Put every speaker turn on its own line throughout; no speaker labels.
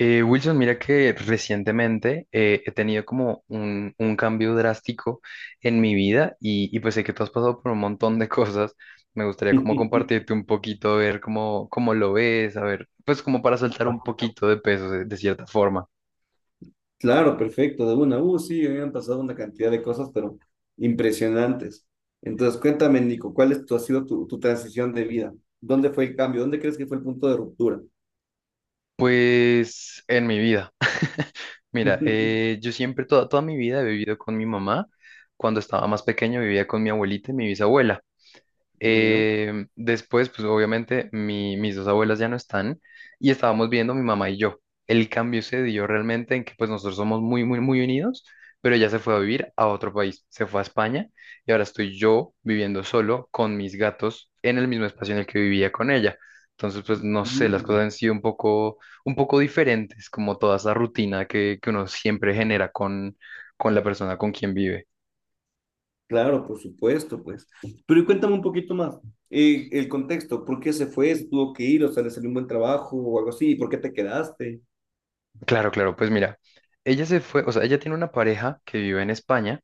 Wilson, mira que recientemente he tenido como un cambio drástico en mi vida y pues sé que tú has pasado por un montón de cosas. Me gustaría como compartirte un poquito, ver cómo lo ves, a ver, pues como para soltar un poquito de peso de cierta forma.
Claro, perfecto, de una. Sí, me han pasado una cantidad de cosas, pero impresionantes. Entonces, cuéntame, Nico, ¿cuál es ha sido tu transición de vida? ¿Dónde fue el cambio? ¿Dónde crees que fue el punto de ruptura?
Pues en mi vida. Mira, yo siempre, toda mi vida he vivido con mi mamá. Cuando estaba más pequeño vivía con mi abuelita y mi bisabuela.
¿Ya?
Después, pues obviamente mis dos abuelas ya no están, y estábamos viendo mi mamá y yo. El cambio se dio realmente en que pues nosotros somos muy, muy, muy unidos, pero ella se fue a vivir a otro país, se fue a España, y ahora estoy yo viviendo solo con mis gatos en el mismo espacio en el que vivía con ella. Entonces, pues no sé, las
Mm,
cosas han sido un poco diferentes, como toda esa rutina que uno siempre genera con la persona con quien vive.
claro, por supuesto, pues. Pero y cuéntame un poquito más. El contexto, ¿por qué se fue? ¿Se tuvo que ir? ¿O sea, le salió un buen trabajo o algo así? ¿Y por qué te quedaste?
Claro, claro, pues mira, ella se fue, o sea, ella tiene una pareja que vive en España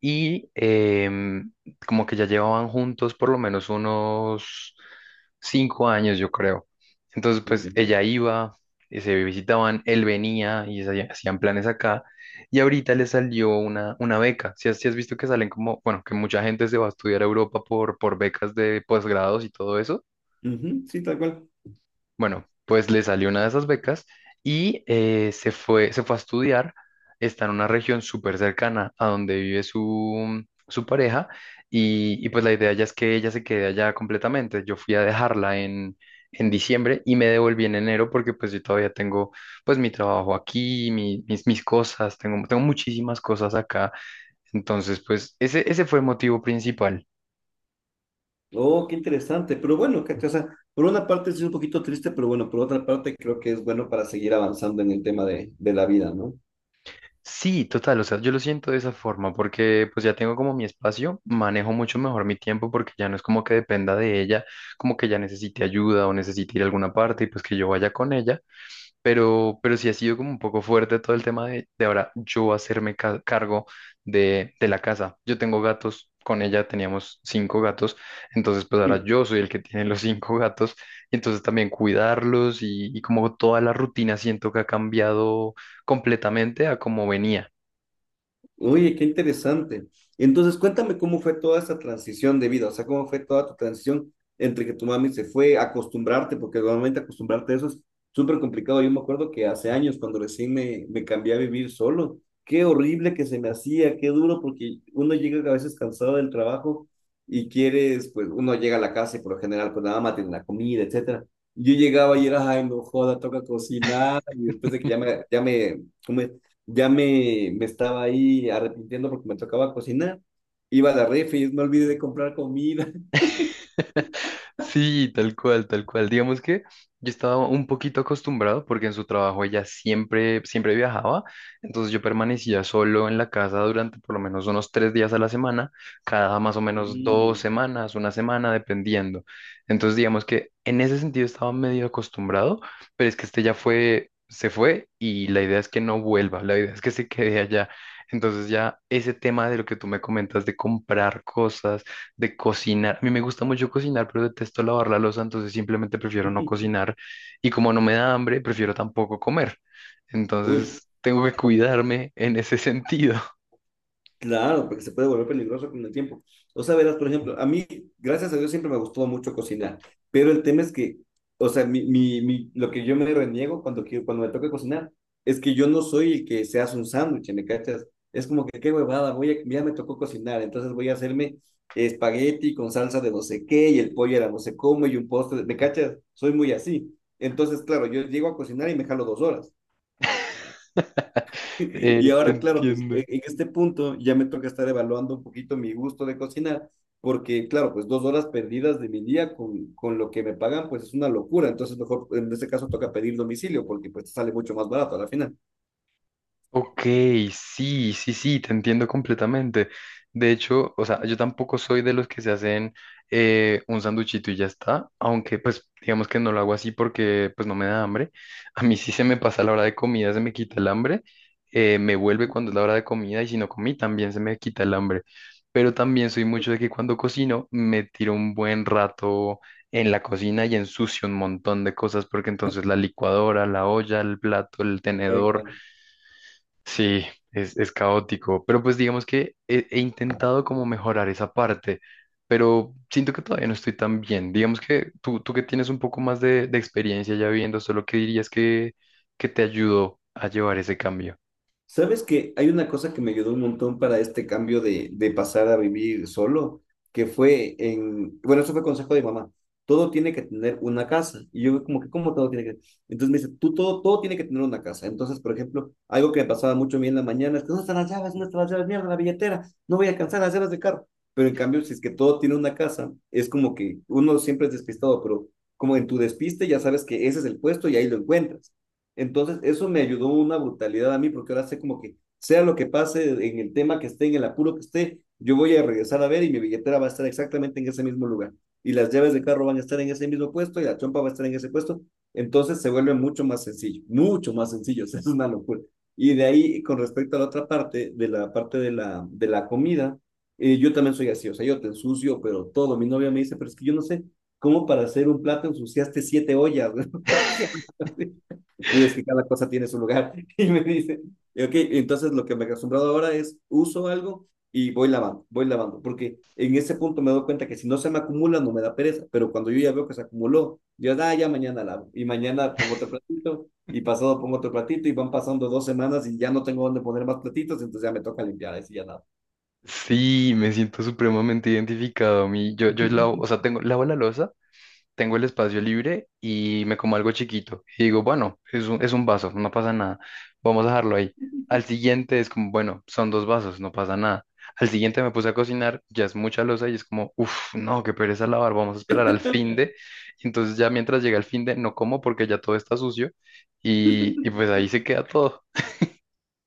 y como que ya llevaban juntos por lo menos unos 5 años, yo creo. Entonces, pues
¿Ya?
ella iba, y se visitaban, él venía y hacían planes acá, y ahorita le salió una beca. Si has visto que salen como, bueno, que mucha gente se va a estudiar a Europa por becas de posgrados y todo eso.
Ujú, sí, tal cual.
Bueno, pues le salió una de esas becas y se fue a estudiar. Está en una región súper cercana a donde vive su pareja, y pues la idea ya es que ella se quede allá completamente. Yo fui a dejarla en diciembre y me devolví en enero, porque pues yo todavía tengo pues mi trabajo aquí, mis cosas, tengo muchísimas cosas acá. Entonces pues ese fue el motivo principal.
Oh, qué interesante. Pero bueno, ¿cachai? O sea, por una parte sí es un poquito triste, pero bueno, por otra parte creo que es bueno para seguir avanzando en el tema de la vida, ¿no?
Sí, total, o sea, yo lo siento de esa forma porque pues ya tengo como mi espacio, manejo mucho mejor mi tiempo porque ya no es como que dependa de ella, como que ya necesite ayuda o necesite ir a alguna parte y pues que yo vaya con ella, pero, sí ha sido como un poco fuerte todo el tema de ahora yo hacerme cargo de la casa. Yo tengo gatos, con ella teníamos cinco gatos, entonces pues ahora yo soy el que tiene los cinco gatos, y entonces también cuidarlos y como toda la rutina siento que ha cambiado completamente a como venía.
Oye, qué interesante. Entonces, cuéntame cómo fue toda esa transición de vida, o sea, cómo fue toda tu transición entre que tu mami se fue, acostumbrarte, porque normalmente acostumbrarte a eso es súper complicado. Yo me acuerdo que hace años, cuando recién me cambié a vivir solo, qué horrible que se me hacía, qué duro, porque uno llega a veces cansado del trabajo y quieres, pues uno llega a la casa y por lo general, pues la mamá tiene la comida, etcétera. Yo llegaba y era, ay, no joda, toca cocinar, y después de que ya me, ¿cómo es? ya me estaba ahí arrepintiendo porque me tocaba cocinar. Iba a la refri y me olvidé de comprar comida.
Sí, tal cual, tal cual. Digamos que yo estaba un poquito acostumbrado porque en su trabajo ella siempre, siempre viajaba, entonces yo permanecía solo en la casa durante por lo menos unos 3 días a la semana, cada más o menos dos
Mm.
semanas, una semana, dependiendo. Entonces digamos que en ese sentido estaba medio acostumbrado, pero es que este ya fue, se fue, y la idea es que no vuelva, la idea es que se quede allá. Entonces ya ese tema de lo que tú me comentas de comprar cosas, de cocinar. A mí me gusta mucho cocinar, pero detesto lavar la loza, entonces simplemente prefiero no cocinar. Y como no me da hambre, prefiero tampoco comer.
Uy,
Entonces tengo que cuidarme en ese sentido.
claro, porque se puede volver peligroso con el tiempo. O sea, verás, por ejemplo, a mí, gracias a Dios, siempre me gustó mucho cocinar, pero el tema es que, o sea, mi lo que yo me reniego cuando, quiero, cuando me toca cocinar es que yo no soy el que se hace un sándwich, ¿me cachas? Es como que qué huevada, voy a, ya me tocó cocinar, entonces voy a hacerme espagueti con salsa de no sé qué y el pollo era no sé cómo y un postre, ¿me cachas? Soy muy así. Entonces, claro, yo llego a cocinar y me jalo 2 horas. Y
Te
ahora, claro, pues
entiendo.
en este punto ya me toca estar evaluando un poquito mi gusto de cocinar, porque, claro, pues 2 horas perdidas de mi día con lo que me pagan, pues es una locura. Entonces, mejor en este caso toca pedir domicilio, porque pues sale mucho más barato a la final.
Ok, sí, sí, sí, te entiendo completamente. De hecho, o sea, yo tampoco soy de los que se hacen un sanduchito y ya está, aunque pues digamos que no lo hago así porque pues no me da hambre. A mí sí se me pasa la hora de comida, se me quita el hambre, me vuelve cuando es la hora de comida, y si no comí también se me quita el hambre. Pero también soy mucho de que cuando cocino me tiro un buen rato en la cocina y ensucio un montón de cosas, porque entonces la licuadora, la olla, el plato, el
Eh,
tenedor. Sí, es caótico, pero pues digamos que he intentado como mejorar esa parte, pero siento que todavía no estoy tan bien. Digamos que tú que tienes un poco más de experiencia ya viendo solo, ¿que dirías que te ayudó a llevar ese cambio?
Sabes que hay una cosa que me ayudó un montón para este cambio de pasar a vivir solo, que fue en, bueno, eso fue consejo de mamá, todo tiene que tener una casa. Y yo como que, ¿cómo todo tiene que? Entonces me dice, tú todo tiene que tener una casa. Entonces, por ejemplo, algo que me pasaba mucho a mí en la mañana es que, ¿dónde están las llaves? ¿Dónde están las llaves? Mierda, la billetera, no voy a alcanzar las llaves del carro. Pero en cambio, si es que todo tiene una casa, es como que uno siempre es despistado, pero como en tu despiste ya sabes que ese es el puesto y ahí lo encuentras. Entonces, eso me ayudó una brutalidad a mí, porque ahora sé como que sea lo que pase en el tema que esté, en el apuro que esté, yo voy a regresar a ver y mi billetera va a estar exactamente en ese mismo lugar. Y las llaves de carro van a estar en ese mismo puesto y la chompa va a estar en ese puesto. Entonces se vuelve mucho más sencillo, mucho más sencillo. O sea, es una locura. Y de ahí, con respecto a la otra parte, de la parte de la comida, yo también soy así. O sea, yo te ensucio, pero todo. Mi novia me dice, pero es que yo no sé cómo para hacer un plato ensuciaste siete ollas. Y es que cada cosa tiene su lugar. Y me dice, y ok, entonces lo que me he acostumbrado ahora es uso algo y voy lavando, porque en ese punto me doy cuenta que si no se me acumula no me da pereza, pero cuando yo ya veo que se acumuló, yo ah, ya mañana lavo y mañana pongo otro platito y pasado pongo otro platito y van pasando 2 semanas y ya no tengo dónde poner más platitos, entonces ya me toca limpiar, así ya nada.
Sí, me siento supremamente identificado a mí. Yo lavo, o sea, lavo la loza. Tengo el espacio libre y me como algo chiquito. Y digo, bueno, es un, vaso, no pasa nada, vamos a dejarlo ahí. Al siguiente es como, bueno, son dos vasos, no pasa nada. Al siguiente me puse a cocinar, ya es mucha losa y es como, uff, no, qué pereza lavar, vamos a esperar al fin de. Entonces ya mientras llega el fin de, no como porque ya todo está sucio, y pues ahí se queda todo.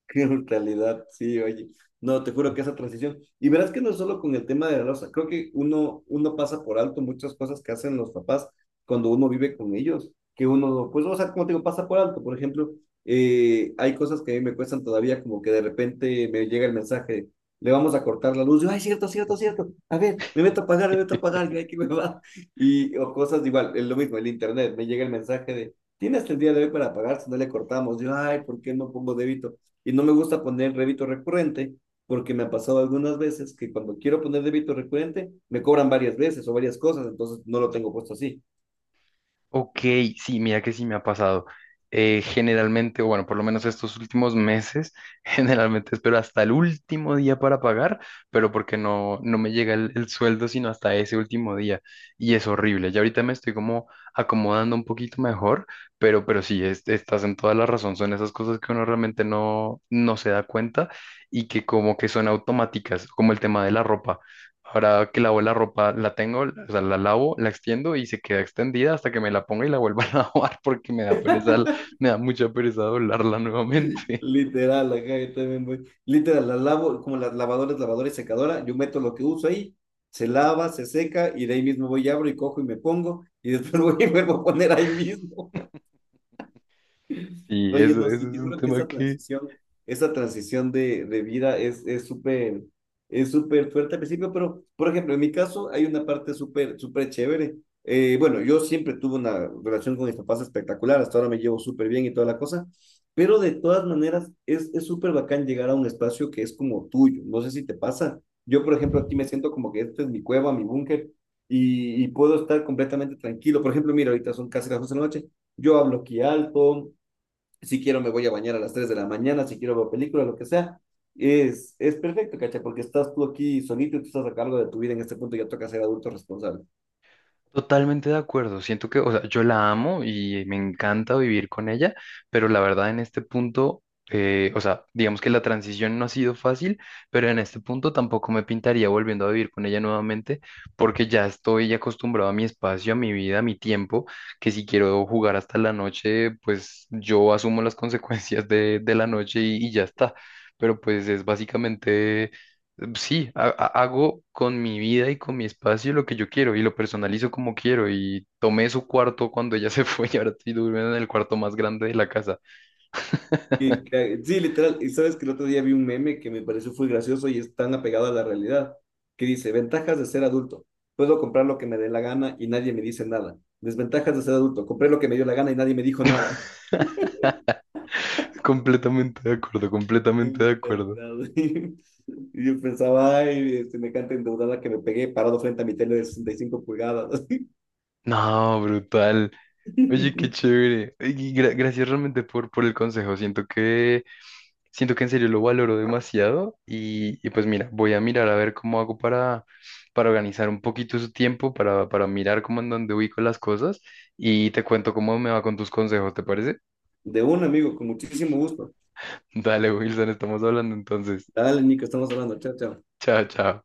Qué brutalidad, sí, oye. No, te juro que esa transición. Y verás que no es solo con el tema de la losa. Creo que uno pasa por alto muchas cosas que hacen los papás cuando uno vive con ellos. Que uno, pues, o sea, como te digo, pasa por alto. Por ejemplo, hay cosas que a mí me cuestan todavía, como que de repente me llega el mensaje, le vamos a cortar la luz. Yo, ay, cierto, cierto, cierto. A ver, me meto a pagar, me meto a pagar, que me va. Y, o cosas igual, es lo mismo, el internet. Me llega el mensaje de, tienes el día de hoy para pagar, si no le cortamos. Yo, ay, ¿por qué no pongo débito? Y no me gusta poner débito recurrente porque me ha pasado algunas veces que cuando quiero poner débito recurrente me cobran varias veces o varias cosas, entonces no lo tengo puesto así.
Ok, sí, mira que sí me ha pasado. Generalmente, o bueno, por lo menos estos últimos meses, generalmente espero hasta el último día para pagar, pero porque no, me llega el sueldo sino hasta ese último día. Y es horrible. Ya ahorita me estoy como acomodando un poquito mejor, pero, sí, estás en toda la razón. Son esas cosas que uno realmente no se da cuenta y que como que son automáticas, como el tema de la ropa. Ahora que lavo la ropa, la tengo, o sea, la lavo, la extiendo y se queda extendida hasta que me la ponga y la vuelva a lavar porque me da pereza, me da mucha pereza doblarla nuevamente.
Literal, acá yo también voy. Literal, la lavo como las lavadoras, lavadora y secadora, yo meto lo que uso ahí, se lava, se seca y de ahí mismo voy y abro y cojo y me pongo y después voy y vuelvo a poner ahí mismo.
Sí,
Oye,
eso,
no, sí,
eso es
te
un
juro que
tema que.
esa transición de vida es súper fuerte al principio, pero, por ejemplo, en mi caso hay una parte súper, súper chévere. Bueno, yo siempre tuve una relación con mis papás espectacular, hasta ahora me llevo súper bien y toda la cosa, pero de todas maneras es súper bacán llegar a un espacio que es como tuyo, no sé si te pasa. Yo, por ejemplo, aquí me siento como que este es mi cueva, mi búnker, y puedo estar completamente tranquilo. Por ejemplo, mira, ahorita son casi las 12 de la noche, yo hablo aquí alto, si quiero me voy a bañar a las 3 de la mañana, si quiero ver película, lo que sea. Es perfecto, ¿cachai? Porque estás tú aquí solito y tú estás a cargo de tu vida en este punto, ya toca ser adulto responsable.
Totalmente de acuerdo. Siento que, o sea, yo la amo y me encanta vivir con ella, pero la verdad en este punto, o sea, digamos que la transición no ha sido fácil, pero en este punto tampoco me pintaría volviendo a vivir con ella nuevamente, porque ya estoy acostumbrado a mi espacio, a mi vida, a mi tiempo, que si quiero jugar hasta la noche, pues yo asumo las consecuencias de la noche, y ya está. Pero pues es básicamente. Sí, hago con mi vida y con mi espacio lo que yo quiero, y lo personalizo como quiero, y tomé su cuarto cuando ella se fue, y ahora estoy durmiendo en el cuarto más grande de la casa.
Y, sí, literal, y sabes que el otro día vi un meme que me pareció muy gracioso y es tan apegado a la realidad, que dice, ventajas de ser adulto, puedo comprar lo que me dé la gana y nadie me dice nada. Desventajas de ser adulto, compré lo que me dio la gana y nadie me dijo nada.
Completamente de acuerdo, completamente de acuerdo.
Y yo pensaba, ay, este, me encanta endeudada que me pegué parado frente a mi tele de 65 pulgadas.
No, brutal. Oye, qué
De
chévere. Y gracias realmente por el consejo. Siento que en serio lo valoro demasiado, y pues mira, voy a mirar a ver cómo hago para, organizar un poquito su tiempo, para mirar cómo en dónde ubico las cosas, y te cuento cómo me va con tus consejos, ¿te parece?
un amigo, con muchísimo gusto.
Dale, Wilson, estamos hablando entonces.
Dale, Nico, estamos hablando. Chao, chao.
Chao, chao.